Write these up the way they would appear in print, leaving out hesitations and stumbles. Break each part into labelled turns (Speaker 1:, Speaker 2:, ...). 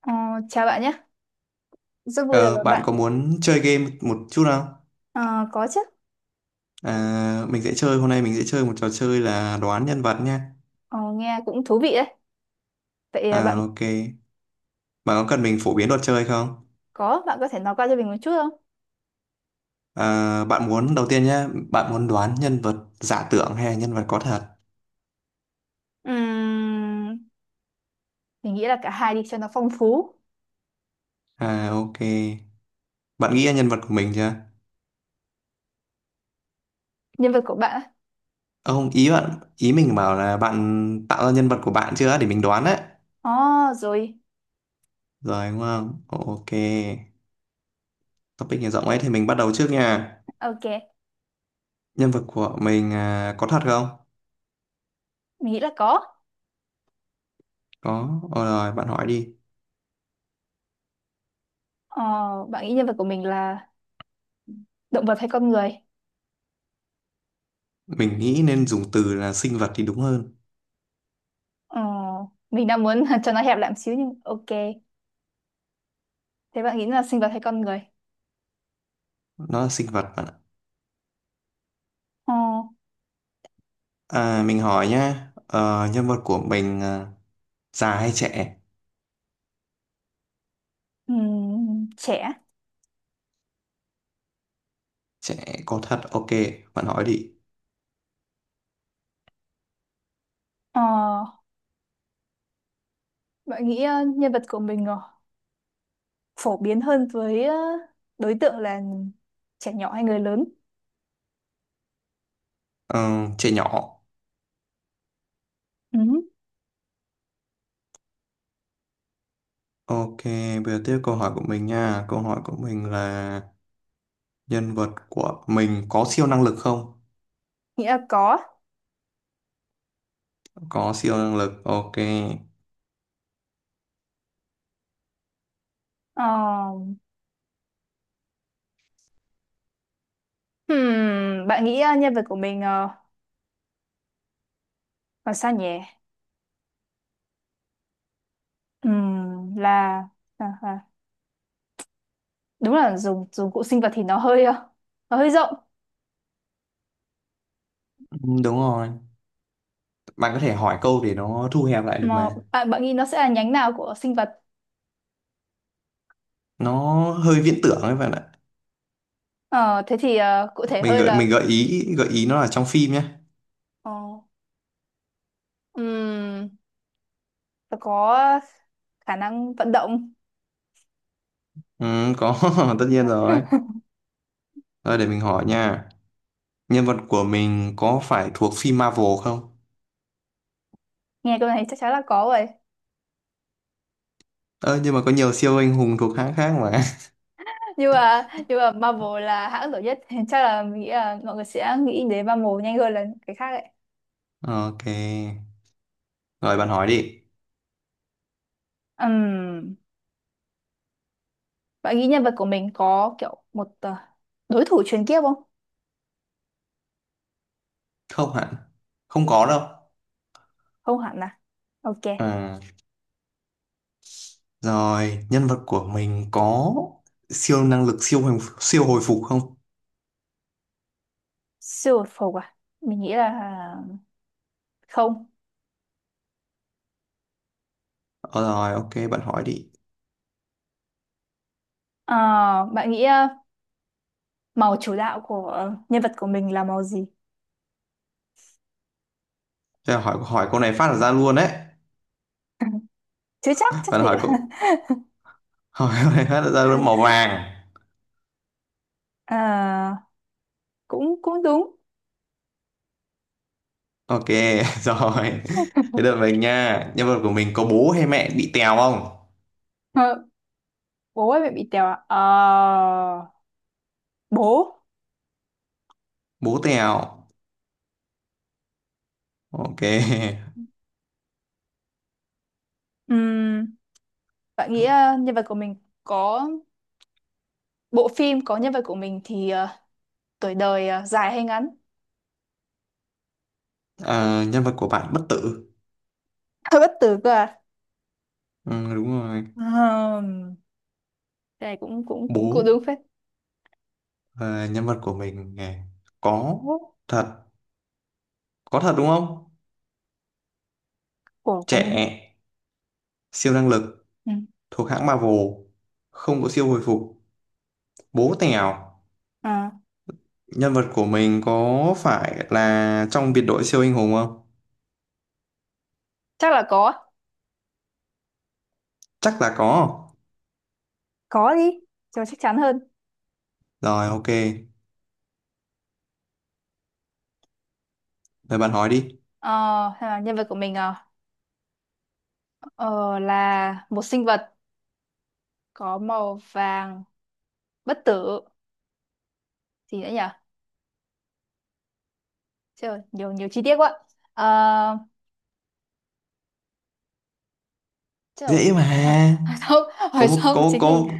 Speaker 1: Ờ, Chào bạn nhé, rất vui được
Speaker 2: Ờ,
Speaker 1: gặp
Speaker 2: Bạn
Speaker 1: bạn.
Speaker 2: có muốn chơi game một chút không?
Speaker 1: Ờ, có chứ.
Speaker 2: Mình sẽ chơi hôm nay mình sẽ chơi một trò chơi là đoán nhân vật nha.
Speaker 1: Ờ, Nghe cũng thú vị đấy. Vậy à,
Speaker 2: Ok. Bạn có cần mình phổ biến luật chơi không?
Speaker 1: bạn có thể nói qua cho mình một chút không?
Speaker 2: Bạn muốn đầu tiên nhá, bạn muốn đoán nhân vật giả tưởng hay là nhân vật có thật?
Speaker 1: Ừm, mình nghĩ là cả hai đi cho nó phong phú.
Speaker 2: Ok. Bạn nghĩ ra nhân vật của mình chưa?
Speaker 1: Nhân vật của bạn á?
Speaker 2: Ờ, Không, ý mình bảo là bạn tạo ra nhân vật của bạn chưa để mình đoán đấy.
Speaker 1: Ồ, rồi,
Speaker 2: Rồi đúng không? Ok. Topic này rộng ấy thì mình bắt đầu trước nha.
Speaker 1: ok,
Speaker 2: Nhân vật của mình à, có thật không?
Speaker 1: mình nghĩ là có.
Speaker 2: Có. Ờ, Rồi bạn hỏi đi.
Speaker 1: Ờ, Bạn nghĩ nhân vật của mình là động vật hay con người?
Speaker 2: Mình nghĩ nên dùng từ là sinh vật thì đúng hơn.
Speaker 1: Ờ, mình đang muốn cho nó hẹp lại một xíu nhưng ok. Thế bạn nghĩ là sinh vật hay con người?
Speaker 2: Nó là sinh vật bạn ạ.
Speaker 1: Ờ,
Speaker 2: À, mình hỏi nhá, nhân vật của mình à, già hay trẻ?
Speaker 1: Trẻ.
Speaker 2: Trẻ có thật, ok, bạn hỏi đi.
Speaker 1: Ờ, Bạn nghĩ nhân vật của mình phổ biến hơn với đối tượng là trẻ nhỏ hay người lớn.
Speaker 2: Ờ, Trẻ nhỏ.
Speaker 1: Ừ.
Speaker 2: Ok, bây giờ tiếp câu hỏi của mình nha. Câu hỏi của mình là nhân vật của mình có siêu năng lực không?
Speaker 1: Nghĩ là có.
Speaker 2: Có siêu năng lực, ok.
Speaker 1: Ờ, Bạn nghĩ nhân vật của mình là sao nhỉ? Là, là đúng là dùng dùng cụ sinh vật thì nó hơi, nó hơi rộng.
Speaker 2: Ừ, đúng rồi. Bạn có thể hỏi câu để nó thu hẹp lại được
Speaker 1: Mà
Speaker 2: mà.
Speaker 1: bạn bạn nghĩ nó sẽ là nhánh nào của sinh vật?
Speaker 2: Nó hơi viễn tưởng ấy bạn ạ.
Speaker 1: Ờ, Thế thì cụ thể
Speaker 2: Mình
Speaker 1: hơi
Speaker 2: gợi
Speaker 1: là
Speaker 2: mình gợi ý gợi ý nó là trong phim nhé.
Speaker 1: ờ, ừm, nó có khả năng vận động.
Speaker 2: Ừ, có, tất nhiên rồi. Rồi để mình hỏi nha. Nhân vật của mình có phải thuộc phim Marvel không?
Speaker 1: Nghe câu này chắc chắn là có rồi.
Speaker 2: Ơ nhưng mà có nhiều siêu anh hùng thuộc hãng khác mà.
Speaker 1: Nhưng mà Marvel là hãng nổi nhất thì chắc là mình nghĩ là mọi người sẽ nghĩ đến Marvel nhanh hơn là cái khác ấy.
Speaker 2: Ok. Rồi bạn hỏi đi.
Speaker 1: Ừm, Bạn nghĩ nhân vật của mình có kiểu một đối thủ truyền kiếp không?
Speaker 2: Không hẳn. Không có đâu.
Speaker 1: Không hẳn à, ok.
Speaker 2: À, Rồi, nhân vật của mình có siêu năng lực siêu hồi phục không?
Speaker 1: Siêu vật phục à, mình nghĩ là không.
Speaker 2: Ờ, Rồi, ok, bạn hỏi đi.
Speaker 1: Ờ, Bạn nghĩ màu chủ đạo của nhân vật của mình là màu gì?
Speaker 2: Thế là hỏi hỏi câu này phát là ra luôn đấy.
Speaker 1: Chứ chắc chắc
Speaker 2: Bạn
Speaker 1: gì
Speaker 2: hỏi
Speaker 1: ạ?
Speaker 2: câu hỏi câu này phát là ra luôn màu vàng.
Speaker 1: Ờ, Cũng cũng đúng.
Speaker 2: Ok, rồi. Thế đợi mình nha. Nhân vật của mình có bố hay mẹ bị tèo không?
Speaker 1: Ờ, Bố ơi mẹ bị tèo à? Ờ, Bố.
Speaker 2: Bố tèo. Ok.
Speaker 1: Bạn nghĩ nhân vật của mình có bộ phim có nhân vật của mình thì tuổi đời dài hay ngắn?
Speaker 2: Ờ, nhân vật của bạn bất tử.
Speaker 1: Hơi bất tử cơ à?
Speaker 2: Ừ, đúng rồi.
Speaker 1: Ừm, cái này cũng cũng cũng cũng
Speaker 2: Bố.
Speaker 1: đúng phết.
Speaker 2: Ờ, nhân vật của mình à, có thật. Có thật đúng không?
Speaker 1: Của mình.
Speaker 2: Trẻ. Siêu năng lực.
Speaker 1: Ừ.
Speaker 2: Thuộc hãng Marvel. Không có siêu hồi phục. Bố tèo.
Speaker 1: À,
Speaker 2: Nhân vật của mình có phải là trong biệt đội siêu anh hùng không?
Speaker 1: chắc là có.
Speaker 2: Chắc là có.
Speaker 1: Có đi, cho chắc chắn hơn.
Speaker 2: Rồi, ok. Rồi bạn hỏi đi.
Speaker 1: Ờ, Hay là nhân vật của mình ờ, là một sinh vật có màu vàng bất tử, gì nữa nhỉ? Trời, nhiều nhiều chi tiết quá. Uh, trời,
Speaker 2: Dễ
Speaker 1: hỏi,
Speaker 2: mà.
Speaker 1: hỏi xong
Speaker 2: có
Speaker 1: hỏi
Speaker 2: một
Speaker 1: xong
Speaker 2: có
Speaker 1: chính mình
Speaker 2: có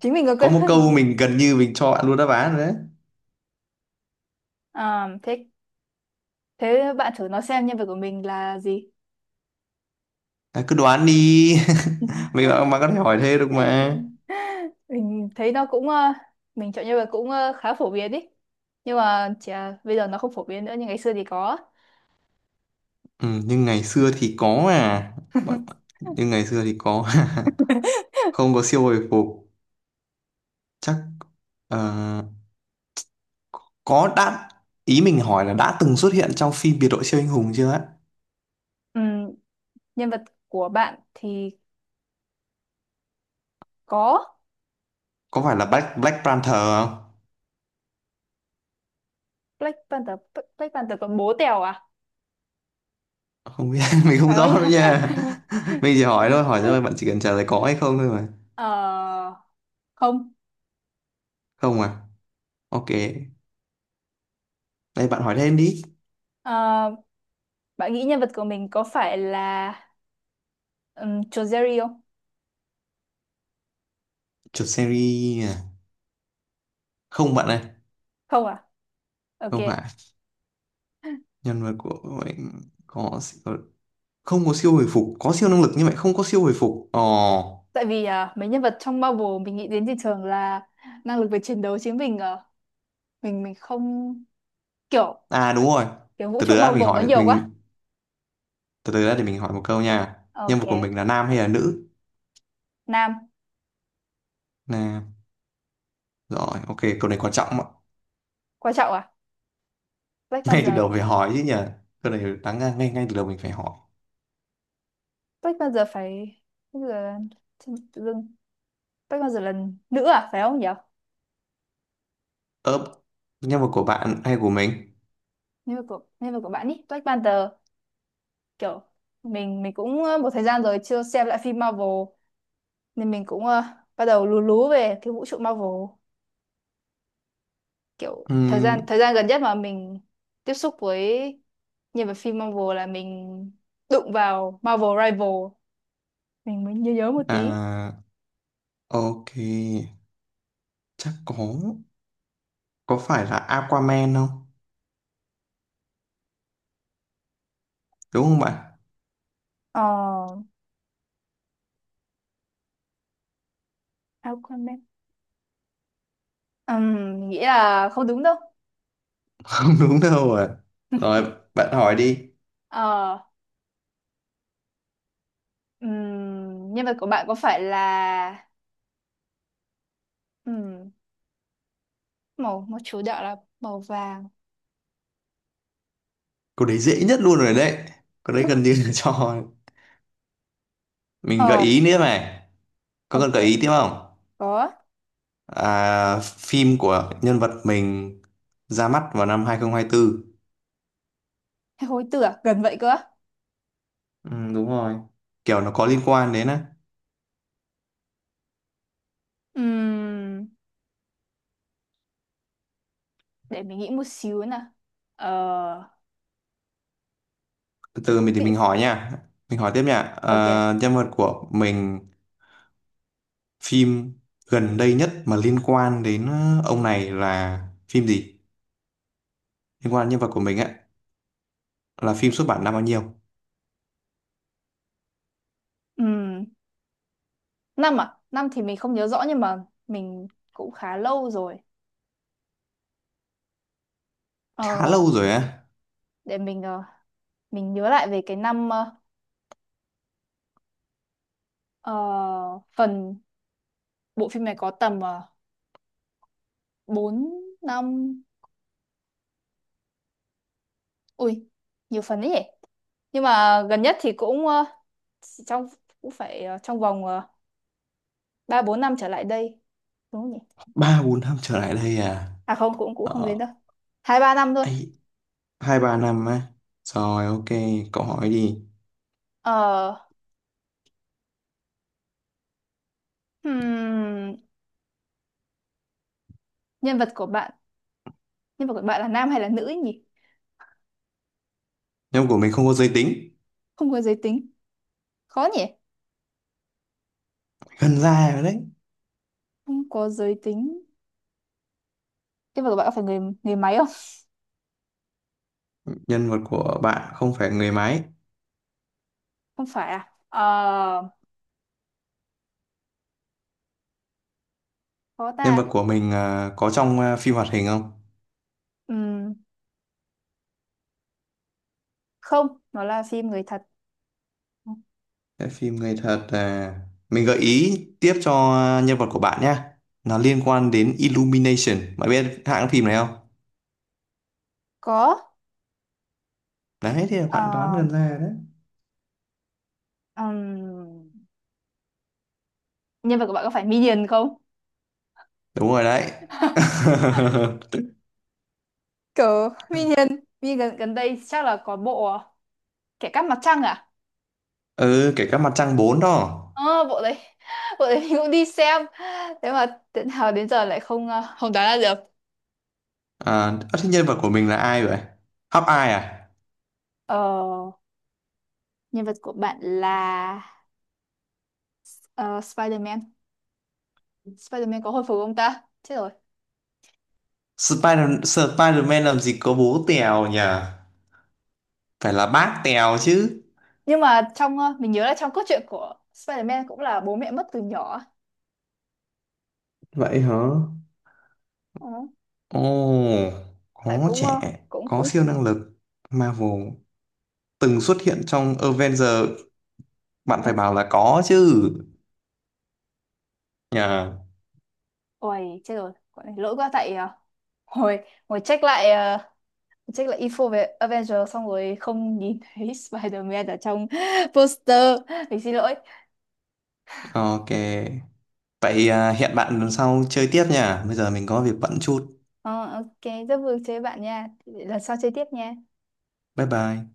Speaker 1: chính mình có
Speaker 2: có một
Speaker 1: quên
Speaker 2: câu
Speaker 1: mất.
Speaker 2: mình gần như mình cho bạn luôn đáp án rồi đấy.
Speaker 1: Thế thế bạn thử nói xem nhân vật của mình là gì?
Speaker 2: Cứ đoán đi.
Speaker 1: Ừ.
Speaker 2: mình bạn bạn có thể hỏi thế được mà.
Speaker 1: Mình thấy nó cũng mình chọn nhân vật cũng khá phổ biến ý. Nhưng mà chỉ là bây giờ nó không phổ biến nữa nhưng ngày xưa thì có.
Speaker 2: Ừ, nhưng ngày xưa thì có à bạn, nhưng ngày xưa thì có. Không có siêu hồi phục chắc, ờ, có đã, ý mình hỏi là đã từng xuất hiện trong phim biệt đội siêu anh hùng chưa á.
Speaker 1: Ừm, Nhân vật của bạn thì có.
Speaker 2: Có phải là Black Black Panther không?
Speaker 1: Black Panther còn bố Tèo à?
Speaker 2: Không biết,
Speaker 1: Đó,
Speaker 2: mình không
Speaker 1: phải không
Speaker 2: rõ
Speaker 1: nhỉ?
Speaker 2: nữa nha. Mình chỉ hỏi thôi hỏi thôi bạn chỉ cần trả lời có hay không thôi mà.
Speaker 1: Ờ, Không.
Speaker 2: Không à? Ok, đây bạn hỏi thêm đi.
Speaker 1: Ờ, Bạn nghĩ nhân vật của mình có phải là Joe Jerry không?
Speaker 2: Chuột series à? Không bạn ơi.
Speaker 1: Không à? Ok.
Speaker 2: Không phải. Nhân vật của mình có siêu- Không có siêu hồi phục, có siêu năng lực nhưng mà không có siêu hồi phục. Ồ,
Speaker 1: Tại vì à, mấy nhân vật trong Marvel mình nghĩ đến thì thường là năng lực về chiến đấu chứ mình à, mình mình không kiểu,
Speaker 2: à đúng rồi.
Speaker 1: kiểu vũ
Speaker 2: Từ
Speaker 1: trụ
Speaker 2: từ đã mình
Speaker 1: Marvel nó
Speaker 2: hỏi
Speaker 1: nhiều quá.
Speaker 2: mình từ từ đã để mình hỏi một câu nha. Nhân
Speaker 1: Ok.
Speaker 2: vật của mình là nam hay là nữ?
Speaker 1: Nam.
Speaker 2: Nam. Rồi ok, câu này quan trọng ạ.
Speaker 1: Quan trọng à? Black
Speaker 2: Ngay từ
Speaker 1: Panther.
Speaker 2: đầu phải hỏi chứ nhỉ, câu này đáng ra ngay ngay từ đầu mình phải hỏi.
Speaker 1: Black Panther phải. Bây giờ tự dưng Black Panther là nữ à, phải không nhỉ?
Speaker 2: Ớp, nhân vật của bạn hay của mình?
Speaker 1: Nhân vật của bạn ý, Black Panther, kiểu mình cũng một thời gian rồi chưa xem lại phim Marvel nên mình cũng bắt đầu lú lú về cái vũ trụ Marvel, kiểu thời
Speaker 2: Ừm,
Speaker 1: gian thời gian gần nhất mà mình tiếp xúc với nhân vật phim Marvel là mình đụng vào Marvel Rival mình mới nhớ nhớ một tí.
Speaker 2: à ok, chắc có. Có phải là Aquaman không, đúng không bạn?
Speaker 1: Ờ, Aquaman. Mình nghĩ là không đúng đâu.
Speaker 2: Không đúng đâu à. Rồi, bạn hỏi đi.
Speaker 1: ờ Nhân vật của bạn có phải là ừm, màu màu chủ đạo là màu vàng?
Speaker 2: Câu đấy dễ nhất luôn rồi đấy. Câu đấy gần như là cho mình gợi
Speaker 1: Ờ,
Speaker 2: ý nữa này. Có cần gợi
Speaker 1: ok,
Speaker 2: ý tiếp không?
Speaker 1: có.
Speaker 2: À, phim của nhân vật mình ra mắt vào năm 2024.
Speaker 1: Hay hối tưởng gần vậy cơ.
Speaker 2: Ừ, đúng rồi. Kiểu nó có liên quan đến á.
Speaker 1: Ừm, để mình nghĩ một xíu nè. ờ
Speaker 2: Từ từ mình thì
Speaker 1: vị-
Speaker 2: mình hỏi nha. Mình hỏi tiếp nha.
Speaker 1: ok.
Speaker 2: À, nhân vật của mình, phim gần đây nhất mà liên quan đến ông này là phim gì? Liên quan đến nhân vật của mình á, là phim xuất bản năm bao nhiêu?
Speaker 1: Ừm, Năm thì mình không nhớ rõ nhưng mà mình cũng khá lâu rồi.
Speaker 2: Khá
Speaker 1: ờ,
Speaker 2: lâu rồi á.
Speaker 1: để mình ờ, mình nhớ lại về cái năm ờ, phần, bộ phim này có tầm bốn, năm, ui, nhiều phần ấy nhỉ. Nhưng mà gần nhất thì cũng chỉ trong, cũng phải trong vòng ba bốn năm trở lại đây, đúng không nhỉ?
Speaker 2: Ba bốn năm trở lại đây à?
Speaker 1: À không, cũng cũng không
Speaker 2: ờ,
Speaker 1: đến đâu. Hai ba năm thôi.
Speaker 2: Ấy, hai ba năm á? Rồi ok, cậu hỏi đi.
Speaker 1: ờ, hmm, nhân vật của bạn nhân vật của bạn là nam hay là nữ ấy nhỉ?
Speaker 2: Nhân vật của mình không có giới tính.
Speaker 1: Không có giới tính, khó nhỉ.
Speaker 2: Gần ra rồi đấy.
Speaker 1: Không có giới tính. Cái vật của bạn có phải người người máy không?
Speaker 2: Nhân vật của bạn không phải người máy.
Speaker 1: Không phải à? Ờ, có
Speaker 2: Nhân
Speaker 1: ta.
Speaker 2: vật của mình à, có trong à, phim hoạt hình không?
Speaker 1: Ừm, Không, nó là phim người thật.
Speaker 2: Cái phim người thật à. Mình gợi ý tiếp cho, à, nhân vật của bạn nhá, nó liên quan đến Illumination, bạn biết hãng phim này không?
Speaker 1: Có.
Speaker 2: Đấy thì
Speaker 1: Ờ,
Speaker 2: bạn đoán gần ra rồi đấy.
Speaker 1: ừm, Nhân vật của bạn có phải Minion không?
Speaker 2: Đúng rồi đấy.
Speaker 1: Cờ Minion. Minion gần, gần đây chắc là có bộ à, Kẻ cắp mặt trăng à?
Speaker 2: Ừ kể cả Mặt Trăng 4 đó.
Speaker 1: Ờ, Bộ đấy. Bộ đấy mình cũng đi xem. Thế mà đến nào đến giờ lại không không đoán ra được.
Speaker 2: À, ơ, thế nhân vật của mình là ai vậy? Hóc ai à?
Speaker 1: Ờ, Nhân vật của bạn là ờ, Spider-Man. Spider-Man có hồi phục không ta? Chết rồi.
Speaker 2: Spider-Man làm gì có bố Tèo nhỉ? Phải là bác Tèo chứ.
Speaker 1: Nhưng mà trong mình nhớ là trong cốt truyện của Spider-Man cũng là bố mẹ mất từ nhỏ.
Speaker 2: Vậy hả?
Speaker 1: Ừ.
Speaker 2: Ồ,
Speaker 1: tại
Speaker 2: có
Speaker 1: cũng ờ,
Speaker 2: trẻ,
Speaker 1: cũng
Speaker 2: có
Speaker 1: cũng
Speaker 2: siêu năng lực. Marvel, từng xuất hiện trong Avengers, bạn phải
Speaker 1: Ben-
Speaker 2: bảo là có chứ. Nhờ.
Speaker 1: Ôi chết rồi, quả này lỗi quá. Tại hồi hồi check lại check lại info về Avengers xong rồi không nhìn thấy Spider-Man ở trong poster. Mình xin lỗi.
Speaker 2: Ok. Vậy à, hẹn bạn lần sau chơi tiếp nha. Bây giờ mình có việc bận chút.
Speaker 1: Ờ, ok, rất vui chơi với bạn nha, lần sau chơi tiếp nha.
Speaker 2: Bye bye.